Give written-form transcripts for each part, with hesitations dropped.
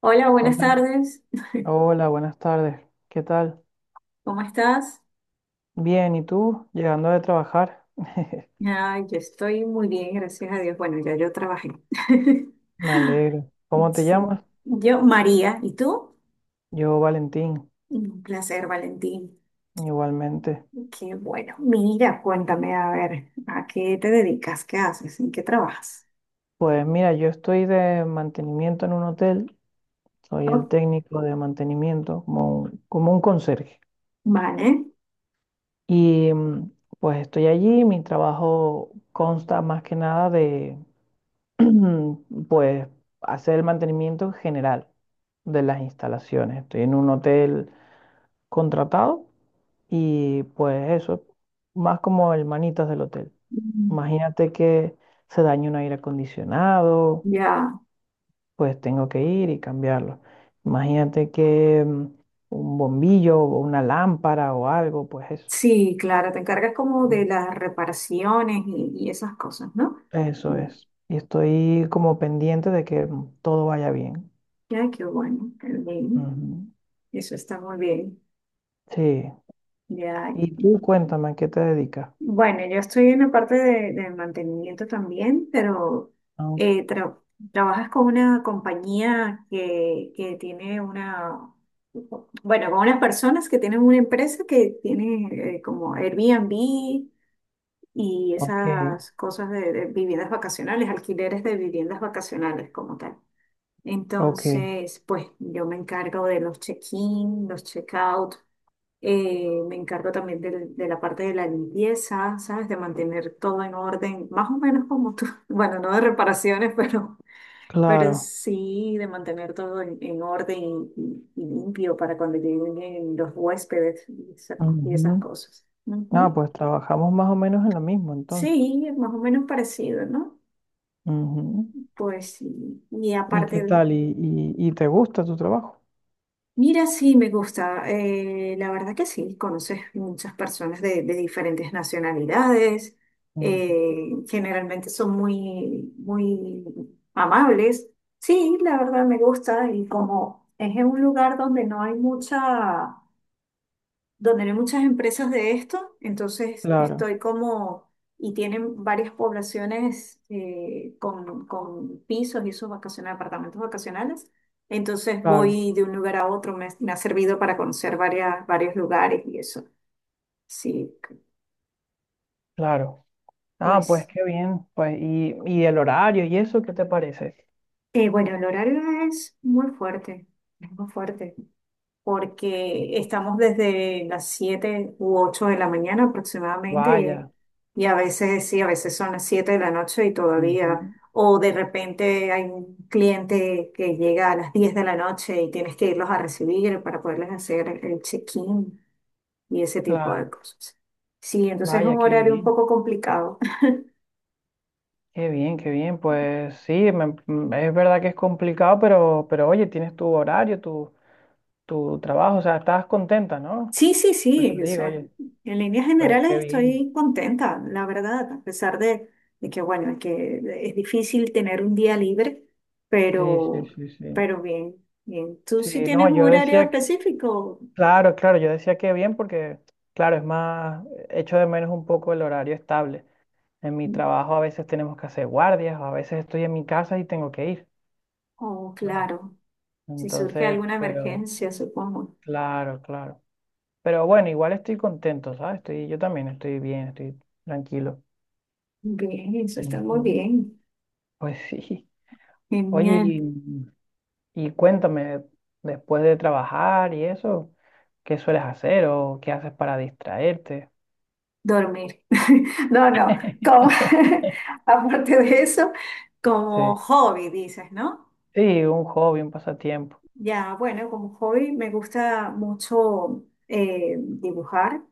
Hola, buenas Hola, tardes. hola, buenas tardes. ¿Qué tal? ¿Cómo estás? Bien, ¿y tú? Llegando de trabajar. Ay, yo estoy muy bien, gracias a Dios. Bueno, ya yo trabajé. Me alegro. ¿Cómo te llamas? Sí. Yo, María, ¿y tú? Yo, Valentín, Un placer, Valentín. igualmente. Qué bueno. Mira, cuéntame, a ver, ¿a qué te dedicas? ¿Qué haces? ¿En qué trabajas? Pues mira, yo estoy de mantenimiento en un hotel. Soy el Oh, técnico de mantenimiento, como un conserje. vale. Y mm, pues estoy allí. Mi trabajo consta más que nada de, pues, hacer el mantenimiento en general de las instalaciones. Estoy en un hotel contratado. Y pues eso, más como el manitas del hotel. Mm, Imagínate que se dañe un aire acondicionado, Ya. pues tengo que ir y cambiarlo. Imagínate que un bombillo o una lámpara o algo, pues eso. Sí, claro, te encargas como de Mm. las reparaciones y esas cosas, ¿no? Eso Mm, es. Y estoy como pendiente de que todo vaya bien. Ya, qué bueno, qué bien. Ujú. Eso está muy bien. Sí. Ya. Y tú cuéntame, ¿a qué te dedicas? Bueno, yo estoy en la parte de mantenimiento también, pero Ah, eh, tra- trabajas con una compañía que tiene una, bueno, con unas personas que tienen una empresa que tiene como Airbnb y ok, esas cosas de viviendas vacacionales, alquileres de viviendas vacacionales como tal. ok, Entonces, pues yo me encargo de los check-in, los check-out, me encargo también la parte de la limpieza, ¿sabes? De mantener todo en orden, más o menos como tú. Bueno, no de reparaciones, pero claro. sí de mantener todo en orden y limpio para cuando lleguen los huéspedes y y esas Ujú. cosas. Ah, Ujú. pues trabajamos más o menos en lo mismo entonces. Sí, es más o menos parecido, ¿no? Ujú. Pues sí. Y ¿Y qué aparte. tal? ¿Y te gusta tu trabajo? Mira, sí, me gusta. La verdad que sí, conoces muchas personas de diferentes nacionalidades. Ujú. Generalmente son muy, muy amables. Sí, la verdad me gusta. Y como es en un lugar donde no hay mucha, donde no hay muchas empresas de esto, entonces Claro, estoy como, y tienen varias poblaciones con pisos y esos vacacionales, apartamentos vacacionales. Entonces claro, voy de un lugar a otro, me ha servido para conocer varias, varios lugares y eso. Sí, claro. Ah, pues pues, qué bien. Pues, y el horario y eso, ¿qué te parece? Bueno, el horario es muy fuerte, es muy fuerte. Porque estamos desde las 7 u 8 de la mañana aproximadamente Vaya. Y a veces sí, a veces son las 7 de la noche y todavía, Ujú. o de repente hay un cliente que llega a las 10 de la noche y tienes que irlos a recibir para poderles hacer el check-in y ese tipo Claro, de cosas. Sí, entonces es vaya, un qué horario un bien. poco complicado. Qué bien, qué bien. Pues sí, es verdad que es complicado, pero oye, tienes tu horario, tu trabajo, o sea, estás contenta, ¿no? Sí, sí, Pues sí, te o digo, sea, oye, en líneas pues generales qué bien. estoy contenta, la verdad, a pesar de que, bueno, que es difícil tener un día libre, Sí, sí, pero, sí, sí. pero bien, bien. ¿Tú sí Sí, tienes no, un yo horario decía que específico? claro, claro, yo decía que bien porque, claro, es más, echo de menos un poco el horario estable. En mi trabajo a veces tenemos que hacer guardias, o a veces estoy en mi casa y tengo que ir, Oh, ¿sabes? claro, si surge Entonces, alguna pero, emergencia, supongo. claro, claro. Pero bueno, igual estoy contento, ¿sabes? Estoy, yo también estoy bien, estoy tranquilo. Bien, eso está muy Ujú. bien. Pues sí. Oye, Genial. Y cuéntame, después de trabajar y eso, ¿qué sueles hacer o qué haces para distraerte? Dormir. No, no, como, aparte de eso, como Sí. hobby, dices, ¿no? Sí, un hobby, un pasatiempo. Ya, bueno, como hobby me gusta mucho dibujar,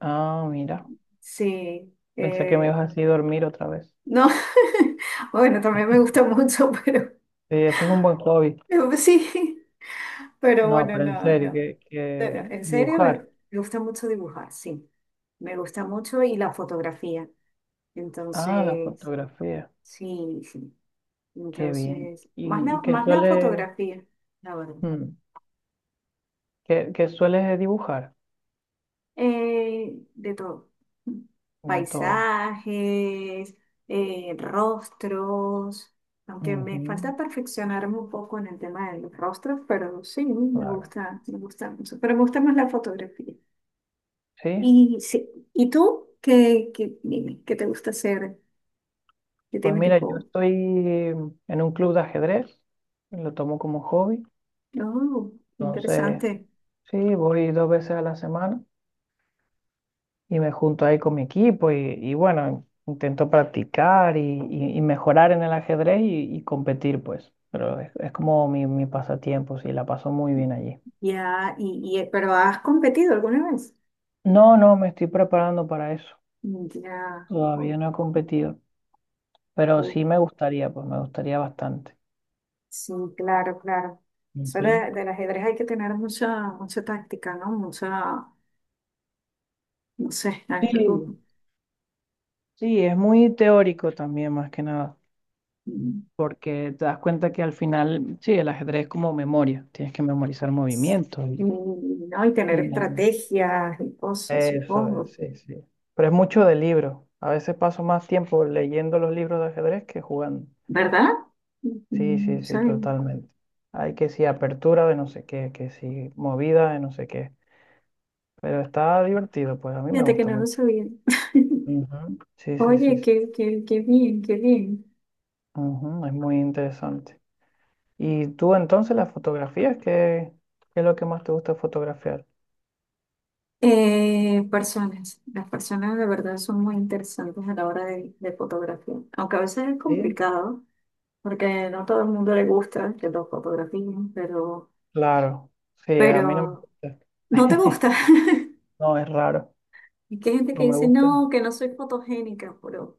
Ah, mira. sí. Pensé que me ibas a decir dormir otra vez. No, bueno, también me gusta mucho, pero Sí, eso es un buen hobby. pero sí, pero No, bueno, pero en no, serio, no. que Bueno, en serio, dibujar. me gusta mucho dibujar, sí. Me gusta mucho y la fotografía. Ah, la Entonces, fotografía. sí, sí. Qué bien. Entonces, ¿Y qué más la suele, fotografía, la verdad. mm, qué, qué sueles dibujar? De todo. De todo. Paisajes, rostros, aunque me Ujú, falta perfeccionarme un poco en el tema de los rostros, pero sí, claro. Me gusta mucho. Pero me gusta más la fotografía. Sí. Y, sí, ¿y tú qué, qué, dime, qué te gusta hacer? ¿Qué Pues tienes de mira, yo hobby? estoy en un club de ajedrez. Lo tomo como hobby. Oh, Entonces, interesante. sí, voy dos veces a la semana, y me junto ahí con mi equipo y bueno, intento practicar y, y mejorar en el ajedrez y competir, pues. Pero es como mi pasatiempo, sí, la paso muy bien allí. Ya, pero ¿has competido alguna vez? No, no, me estoy preparando para eso. Ya, Todavía no he competido, pero ok. sí me gustaría, pues me gustaría bastante. Sí, claro, claro. Solo Ujú. Del ajedrez hay que tener mucha, mucha táctica, ¿no? Mucha, no sé, algo. Sí, sí, es muy teórico también, más que nada. mm, Porque te das cuenta que al final, sí, el ajedrez es como memoria, tienes que memorizar s- movimientos Y, no, y tener y, estrategias y cosas, eso es, supongo. sí, sí. Pero es mucho de libro. A veces paso más tiempo leyendo los libros de ajedrez que jugando. ¿Verdad? Sí, sí, sí, Sí. totalmente. Hay que sí, apertura de no sé qué, que sí, movida de no sé qué. Pero está divertido, pues a mí me Fíjate que gusta no lo mucho. sabía. Ujú. Sí, sí, sí, Oye, sí. qué, qué, qué bien, qué bien. Ujú, es muy interesante. ¿Y tú entonces las fotografías? ¿Qué, qué es lo que más te gusta fotografiar? Personas, las personas de verdad son muy interesantes a la hora de fotografiar, aunque a veces es Sí. complicado. Porque no todo el mundo le gusta que los fotografíen, Claro. Sí, a mí no me pero gusta. no te gusta. No, es raro. Y que hay gente que No me dice, gusta. no, que no soy fotogénica, pero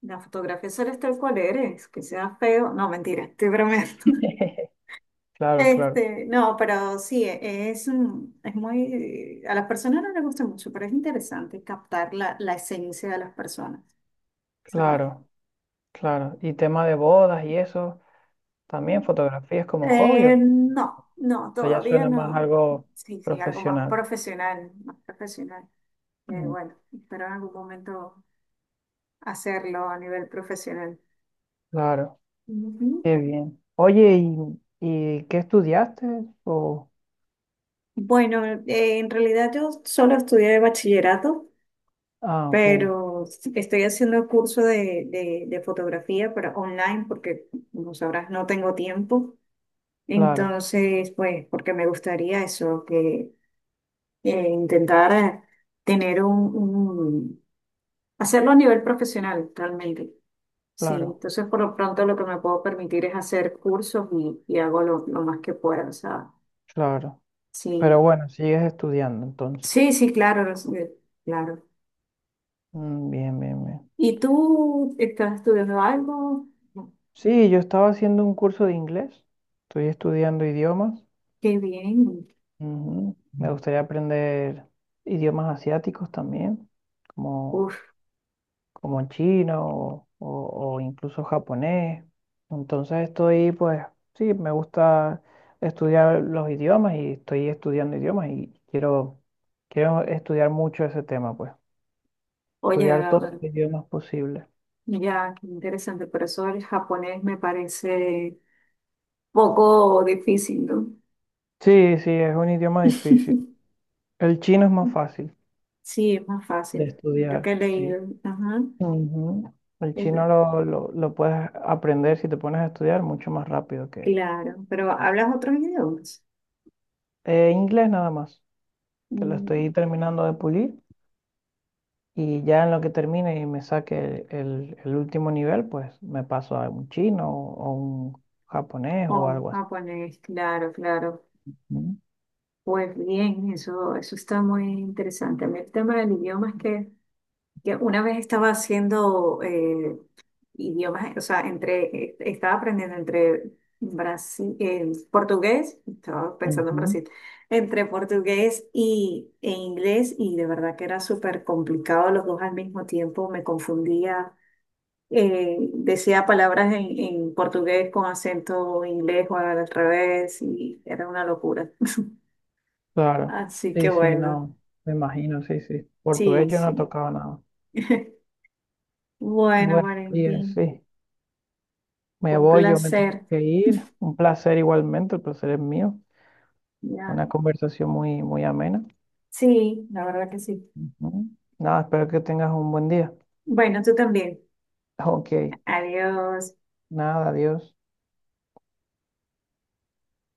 la fotografía solo es tal cual eres, que sea feo. No, mentira, estoy bromeando. Claro, claro. Este, no, pero sí, es, es muy, a las personas no les gusta mucho, pero es interesante captar la, la esencia de las personas, ¿sabes? Claro, claro. Y tema de bodas y eso, también fotografías como hobby. O No, no, sea, ya todavía suena más no. algo Sí, sí, algo más profesional. profesional, más profesional. Que, Mm, bueno, espero en algún momento hacerlo a nivel profesional. claro, Ujú. qué bien. Oye, ¿ y qué estudiaste? O... Bueno, en realidad yo solo estudié bachillerato, Ah, ok, pero estoy haciendo curso de fotografía para online porque, como sabrás, no tengo tiempo. claro, Entonces, pues, porque me gustaría eso, que intentar tener hacerlo a nivel profesional realmente. Sí, claro, entonces por lo pronto lo que me puedo permitir es hacer cursos y hago lo más que pueda. O sea, claro. Pero sí, bueno, sigues estudiando entonces. sí, sí, claro, lo sé, claro. Mm, bien, bien, bien. ¿Y tú estás estudiando algo? No. Sí, yo estaba haciendo un curso de inglés. Estoy estudiando idiomas. Qué bien. Ujú. Me gustaría aprender idiomas asiáticos también, como... Uf, como chino o, o incluso japonés. Entonces estoy, pues, sí, me gusta estudiar los idiomas y estoy estudiando idiomas y quiero, quiero estudiar mucho ese tema, pues, oye, estudiar a todos ver, los idiomas posibles. ya, qué interesante, pero eso el japonés me parece poco difícil, ¿no? Sí, sí, es un idioma difícil. El chino es más fácil Sí, es más de fácil. Creo estudiar, que he sí. leído. Ajá. Ujú. El chino es- lo puedes aprender si te pones a estudiar mucho más rápido que Claro, pero ¿hablas otros idiomas? Inglés nada más, que lo Mm. estoy terminando de pulir. Y ya en lo que termine y me saque el último nivel, pues me paso a un chino o un japonés o Oh, algo así. japonés, claro, claro. Mm. Pues bien, eso está muy interesante. A mí el tema del idioma es que una vez estaba haciendo idiomas, o sea, entre, estaba aprendiendo entre Brasil, portugués, estaba pensando en Ujú. Brasil, entre portugués e inglés, y de verdad que era súper complicado los dos al mismo tiempo, me confundía decía palabras en portugués con acento inglés o al revés y era una locura. Claro, Así que sí, sí, bueno, no, me imagino, sí, sí. Portugués sí, yo no sí. tocaba nada. Bueno, Bueno, María, Valentín, sí, me fue un voy, yo me tengo placer. que ir. Un placer igualmente, el placer es mío. Ya. Una conversación muy, muy amena. Sí, la verdad que sí. Ujú. Nada, espero que tengas un buen día. Bueno, tú también. Ok, Adiós. nada, adiós.